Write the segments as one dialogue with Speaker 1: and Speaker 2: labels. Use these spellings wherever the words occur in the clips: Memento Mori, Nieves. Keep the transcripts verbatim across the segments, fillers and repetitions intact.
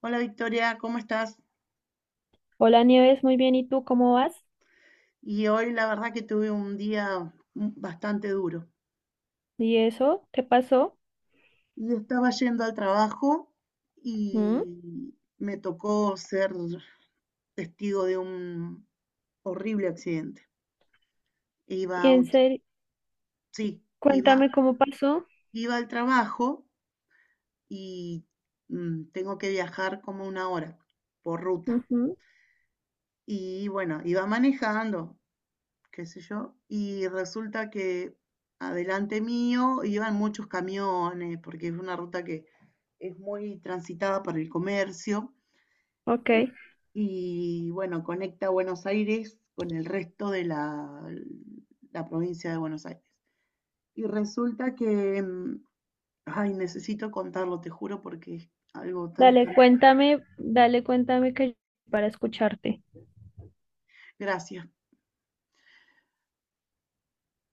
Speaker 1: Hola Victoria, ¿cómo estás?
Speaker 2: Hola Nieves, muy bien. ¿Y tú cómo vas?
Speaker 1: Y hoy la verdad que tuve un día bastante duro.
Speaker 2: ¿Y eso te pasó?
Speaker 1: Y estaba yendo al trabajo
Speaker 2: ¿Mm?
Speaker 1: y me tocó ser testigo de un horrible accidente. Iba
Speaker 2: Y
Speaker 1: a
Speaker 2: en
Speaker 1: un,
Speaker 2: serio,
Speaker 1: sí, iba,
Speaker 2: cuéntame cómo pasó.
Speaker 1: iba al trabajo y mm, tengo que viajar como una hora por ruta.
Speaker 2: Ujú.
Speaker 1: Y bueno, iba manejando, qué sé yo, y resulta que adelante mío iban muchos camiones, porque es una ruta que es muy transitada para el comercio
Speaker 2: Ok.
Speaker 1: y bueno, conecta Buenos Aires con el resto de la, la provincia de Buenos Aires. Y resulta que, mm, ay, necesito contarlo, te juro, porque es algo tan
Speaker 2: Dale,
Speaker 1: espantoso.
Speaker 2: cuéntame, dale, cuéntame que para escucharte.
Speaker 1: Gracias.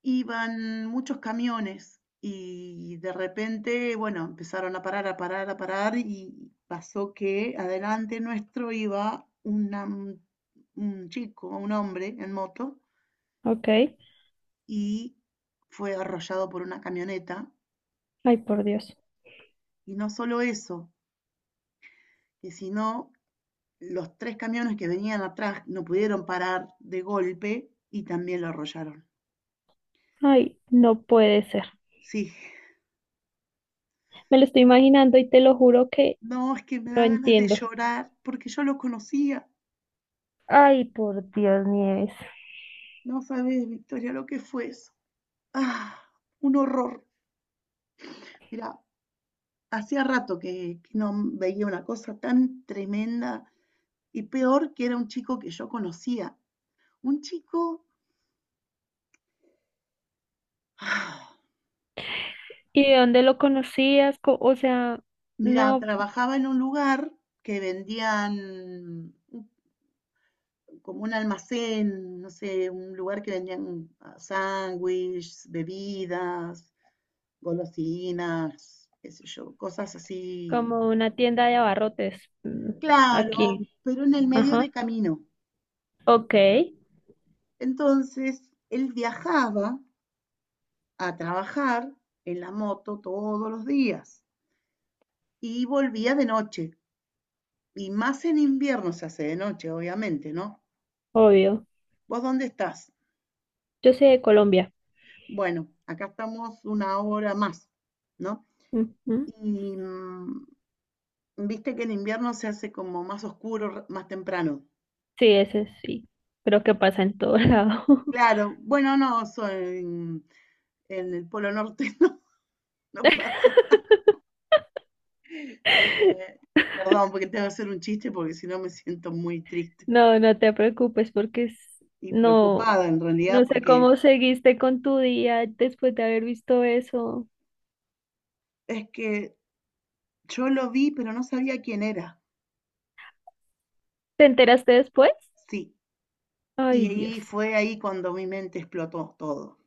Speaker 1: Iban muchos camiones y de repente, bueno, empezaron a parar, a parar, a parar y pasó que adelante nuestro iba una un chico, un hombre en moto
Speaker 2: Ok.
Speaker 1: y fue arrollado por una camioneta.
Speaker 2: Ay, por Dios.
Speaker 1: Y no solo eso, que sino los tres camiones que venían atrás no pudieron parar de golpe y también lo arrollaron.
Speaker 2: Ay, no puede ser.
Speaker 1: Sí,
Speaker 2: Me lo estoy imaginando y te lo juro que
Speaker 1: no, es que me
Speaker 2: no
Speaker 1: da ganas de
Speaker 2: entiendo.
Speaker 1: llorar porque yo lo conocía.
Speaker 2: Ay, por Dios, Nieves.
Speaker 1: No sabes, Victoria, lo que fue eso. Ah, un horror. Mira, hacía rato que, que no veía una cosa tan tremenda y peor que era un chico que yo conocía. Un chico, ah,
Speaker 2: ¿Y de dónde lo conocías? Co- O sea,
Speaker 1: mira,
Speaker 2: no,
Speaker 1: trabajaba en un lugar que vendían como un almacén, no sé, un lugar que vendían ah, sándwiches, bebidas, golosinas, qué sé yo, cosas así.
Speaker 2: como una tienda de abarrotes mm,
Speaker 1: Claro,
Speaker 2: aquí.
Speaker 1: pero en el medio
Speaker 2: Ajá.
Speaker 1: de camino.
Speaker 2: Ok,
Speaker 1: Entonces, él viajaba a trabajar en la moto todos los días y volvía de noche. Y más en invierno se hace de noche, obviamente, ¿no?
Speaker 2: obvio.
Speaker 1: ¿Vos dónde estás?
Speaker 2: Yo soy de Colombia.
Speaker 1: Bueno, acá estamos una hora más, ¿no?
Speaker 2: Ujú.
Speaker 1: Y mm, viste que en invierno se hace como más oscuro, más temprano.
Speaker 2: Sí, ese sí. Creo que pasa en todo lado.
Speaker 1: Claro, bueno, no, soy en, en el Polo Norte, no, no pasa. Eh, Perdón, porque tengo que hacer un chiste porque si no me siento muy triste.
Speaker 2: No, no te preocupes porque es-
Speaker 1: Y
Speaker 2: no,
Speaker 1: preocupada en realidad
Speaker 2: no sé
Speaker 1: porque
Speaker 2: cómo seguiste con tu día después de haber visto eso.
Speaker 1: es que yo lo vi, pero no sabía quién era.
Speaker 2: ¿Te enteraste después?
Speaker 1: Sí.
Speaker 2: Ay,
Speaker 1: Y ahí
Speaker 2: Dios.
Speaker 1: fue ahí cuando mi mente explotó todo.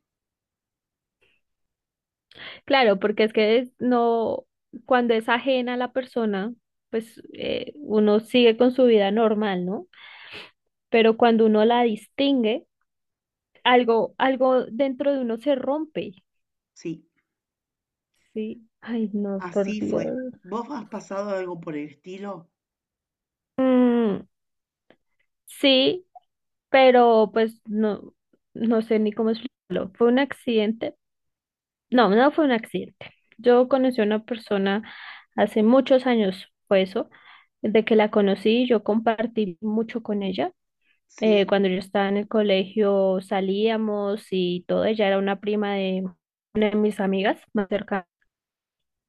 Speaker 2: Claro, porque es que es- no, cuando es ajena a la persona, pues eh, uno sigue con su vida normal, ¿no? Pero cuando uno la distingue, algo, algo dentro de uno se rompe,
Speaker 1: Sí.
Speaker 2: ¿sí? Ay, no, por
Speaker 1: Así fue.
Speaker 2: Dios.
Speaker 1: ¿Vos has pasado algo por el estilo?
Speaker 2: Mm, sí, pero pues no, no sé ni cómo explicarlo. Fue un accidente. No, no fue un accidente. Yo conocí a una persona hace muchos años, fue eso, de que la conocí, yo compartí mucho con ella. Eh,
Speaker 1: Sí.
Speaker 2: cuando yo estaba en el colegio salíamos y todo, ella era una prima de una de mis amigas más cercanas.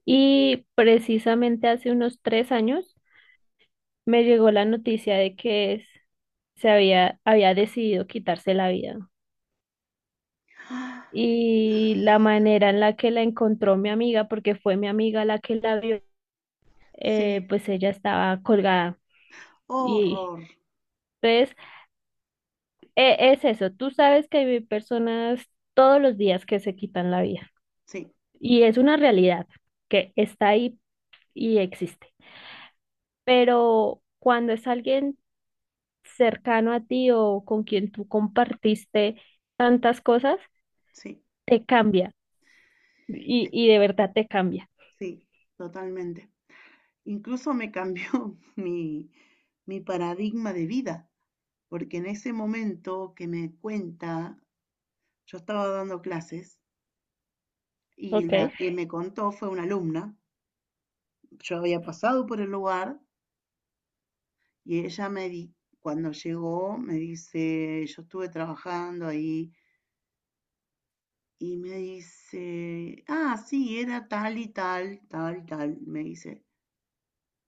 Speaker 2: Y precisamente hace unos tres años me llegó la noticia de que s- se había, había decidido quitarse la vida.
Speaker 1: ¡Ah!
Speaker 2: Y la manera en la que la encontró mi amiga, porque fue mi amiga la que la vio, eh,
Speaker 1: Sí.
Speaker 2: pues ella estaba colgada. Y
Speaker 1: Horror.
Speaker 2: entonces, eh, es eso, tú sabes que hay personas todos los días que se quitan la vida
Speaker 1: Sí,
Speaker 2: y es una realidad que está ahí y existe. Pero cuando es alguien cercano a ti o con quien tú compartiste tantas cosas,
Speaker 1: sí,
Speaker 2: te cambia y,
Speaker 1: sí,
Speaker 2: y de verdad te cambia.
Speaker 1: sí, totalmente. Incluso me cambió mi, mi paradigma de vida, porque en ese momento que me cuenta, yo estaba dando clases. Y la
Speaker 2: Ok.
Speaker 1: que me contó fue una alumna. Yo había pasado por el lugar y ella me di, cuando llegó, me dice, yo estuve trabajando ahí y me dice, ah, sí, era tal y tal, tal, tal, me dice.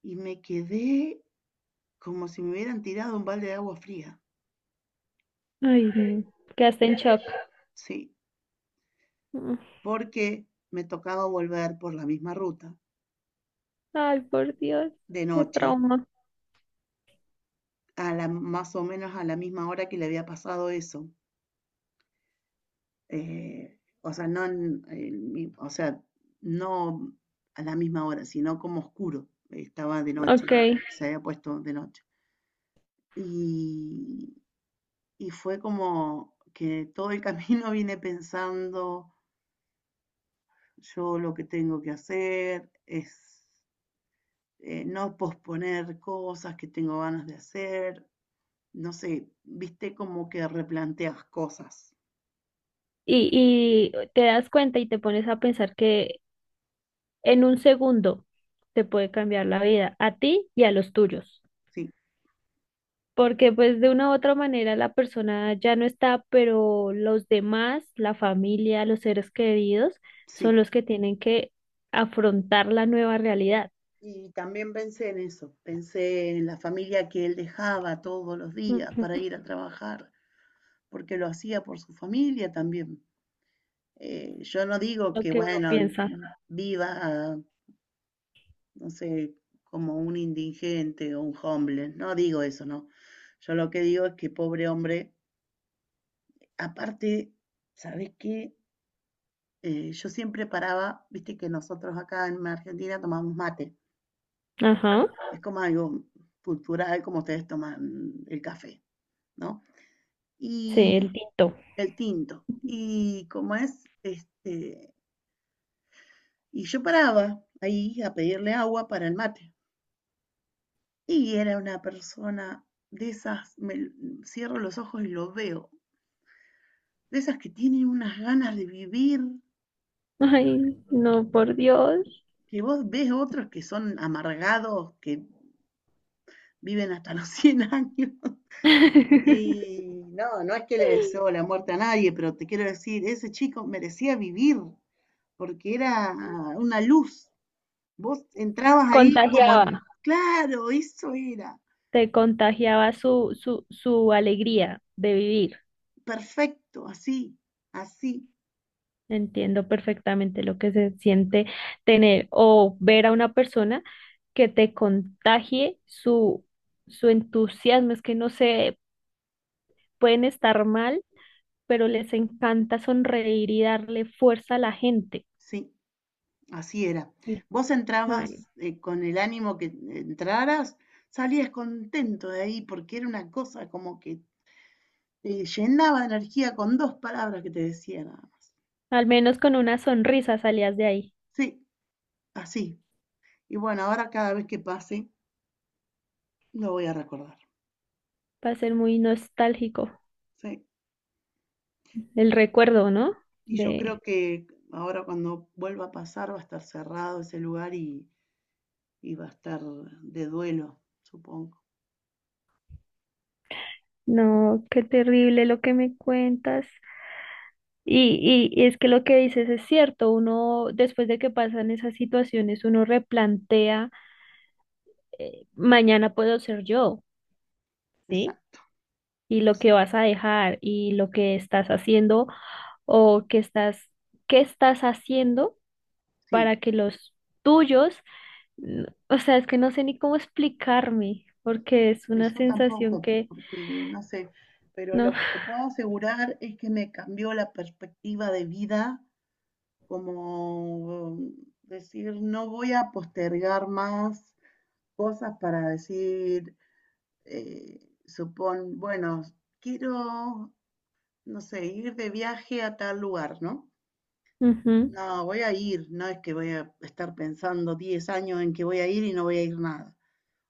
Speaker 1: Y me quedé como si me hubieran tirado un balde de agua fría,
Speaker 2: Ay, no, quedaste en shock.
Speaker 1: sí, porque me tocaba volver por la misma ruta
Speaker 2: Ay, por Dios,
Speaker 1: de
Speaker 2: qué
Speaker 1: noche,
Speaker 2: trauma.
Speaker 1: a la, más o menos a la misma hora que le había pasado eso. Eh, o sea, no en, en mi- o sea, no a la misma hora, sino como oscuro. Estaba de noche,
Speaker 2: Ok. Y,
Speaker 1: se había puesto de noche. Y, y fue como que todo el camino vine pensando, yo lo que tengo que hacer es eh, no posponer cosas que tengo ganas de hacer. No sé, viste como que replanteas cosas.
Speaker 2: y te das cuenta y te pones a pensar que en un segundo te puede cambiar la vida a ti y a los tuyos.
Speaker 1: Sí,
Speaker 2: Porque pues de una u otra manera la persona ya no está, pero los demás, la familia, los seres queridos, son
Speaker 1: sí.
Speaker 2: los que tienen que afrontar la nueva realidad.
Speaker 1: Y también pensé en eso, pensé en la familia que él dejaba todos los días para
Speaker 2: Ujú.
Speaker 1: ir a trabajar, porque lo hacía por su familia también. Eh, yo no digo
Speaker 2: Lo
Speaker 1: que,
Speaker 2: que uno
Speaker 1: bueno,
Speaker 2: piensa.
Speaker 1: viva, no sé, como un indigente o un homeless, no digo eso, no. Yo lo que digo es que pobre hombre, aparte, ¿sabes qué? Eh, yo siempre paraba, viste que nosotros acá en Argentina tomamos mate,
Speaker 2: Ajá.
Speaker 1: es como algo cultural como ustedes toman el café, ¿no? Y
Speaker 2: Sí, el tinto.
Speaker 1: el tinto. Y como es, este, y yo paraba ahí a pedirle agua para el mate. Y era una persona de esas, me cierro los ojos y lo veo, de esas que tienen unas ganas de vivir,
Speaker 2: Ay, no, por Dios.
Speaker 1: que vos ves otros que son amargados, que viven hasta los cien años. Y no, no es que le deseo la muerte a nadie, pero te quiero decir, ese chico merecía vivir porque era una luz. Vos entrabas ahí como, en-
Speaker 2: Contagiaba.
Speaker 1: Claro, eso era,
Speaker 2: Te contagiaba su, su, su alegría de vivir.
Speaker 1: perfecto, así, así,
Speaker 2: Entiendo perfectamente lo que se siente tener o ver a una persona que te contagie su, su entusiasmo. Es que no sé, pueden estar mal, pero les encanta sonreír y darle fuerza a la gente.
Speaker 1: sí, así era.
Speaker 2: Sí.
Speaker 1: Vos
Speaker 2: Ay,
Speaker 1: entrabas eh, con el ánimo que entraras, salías contento de ahí porque era una cosa como que te llenaba de energía con dos palabras que te decía nada más.
Speaker 2: al menos con una sonrisa salías de ahí.
Speaker 1: Sí, así. Y bueno, ahora cada vez que pase, lo voy a recordar.
Speaker 2: Va a ser muy nostálgico
Speaker 1: Sí.
Speaker 2: el recuerdo, ¿no?
Speaker 1: Y yo creo
Speaker 2: De,
Speaker 1: que ahora cuando vuelva a pasar va a estar cerrado ese lugar y y va a estar de duelo, supongo.
Speaker 2: no, qué terrible lo que me cuentas. Y, y, y es que lo que dices es cierto, uno después de que pasan esas situaciones, uno replantea, mañana puedo ser yo, ¿sí?
Speaker 1: Exacto,
Speaker 2: Y lo que
Speaker 1: exacto.
Speaker 2: vas a dejar y lo que estás haciendo o que estás, qué estás haciendo
Speaker 1: Sí,
Speaker 2: para que los tuyos, n- o sea, es que no sé ni cómo explicarme, porque es
Speaker 1: ni
Speaker 2: una
Speaker 1: yo
Speaker 2: sensación
Speaker 1: tampoco,
Speaker 2: que
Speaker 1: porque no sé, pero
Speaker 2: no,
Speaker 1: lo que te puedo asegurar es que me cambió la perspectiva de vida, como decir, no voy a postergar más cosas para decir, eh, supón, bueno, quiero, no sé, ir de viaje a tal lugar, ¿no?
Speaker 2: ujú,
Speaker 1: No, voy a ir, no es que voy a estar pensando diez años en que voy a ir y no voy a ir nada.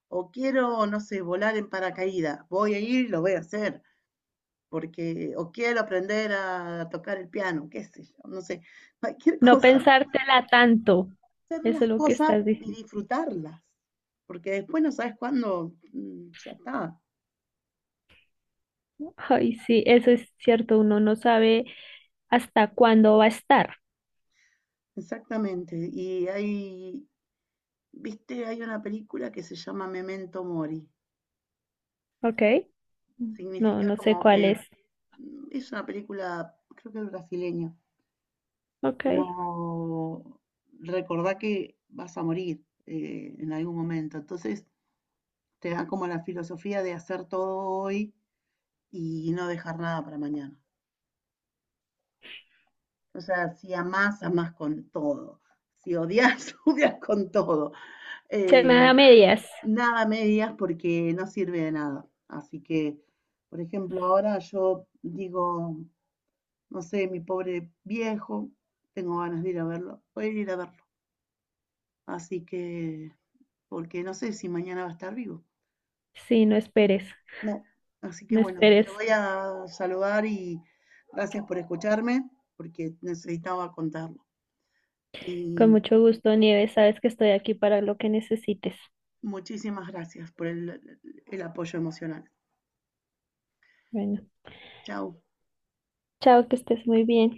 Speaker 1: O quiero, no sé, volar en paracaídas, voy a ir y lo voy a hacer, porque, o quiero aprender a tocar el piano, qué sé yo, no sé, cualquier
Speaker 2: no
Speaker 1: cosa.
Speaker 2: pensártela tanto,
Speaker 1: Hacer
Speaker 2: eso
Speaker 1: las
Speaker 2: es lo que
Speaker 1: cosas
Speaker 2: estás
Speaker 1: y
Speaker 2: diciendo.
Speaker 1: disfrutarlas, porque después no sabes cuándo, mm, ya está,
Speaker 2: Ay, sí, eso es cierto, uno no sabe hasta cuándo va a estar.
Speaker 1: exactamente. Y hay, viste, hay una película que se llama Memento Mori,
Speaker 2: Ok. No,
Speaker 1: significa
Speaker 2: no sé
Speaker 1: como
Speaker 2: cuál
Speaker 1: que
Speaker 2: es.
Speaker 1: mm, es una película, creo que es brasileña
Speaker 2: Ok.
Speaker 1: como recordar que vas a morir eh, en algún momento. Entonces te da como la filosofía de hacer todo hoy y no dejar nada para mañana. O sea, si amás, amás con todo. Si odias, odias con todo.
Speaker 2: Semana
Speaker 1: Eh,
Speaker 2: a medias.
Speaker 1: Nada medias porque no sirve de nada. Así que, por ejemplo, ahora yo digo, no sé, mi pobre viejo, tengo ganas de ir a verlo, voy a ir a verlo. Así que porque no sé si mañana va a estar vivo.
Speaker 2: Sí, no esperes,
Speaker 1: No. Así que
Speaker 2: no
Speaker 1: bueno, te
Speaker 2: esperes.
Speaker 1: voy a saludar y gracias por escucharme, porque necesitaba contarlo.
Speaker 2: Con
Speaker 1: Y
Speaker 2: mucho gusto, Nieves, sabes que estoy aquí para lo que necesites.
Speaker 1: muchísimas gracias por el, el apoyo emocional.
Speaker 2: Bueno,
Speaker 1: Chao.
Speaker 2: chao, que estés muy bien.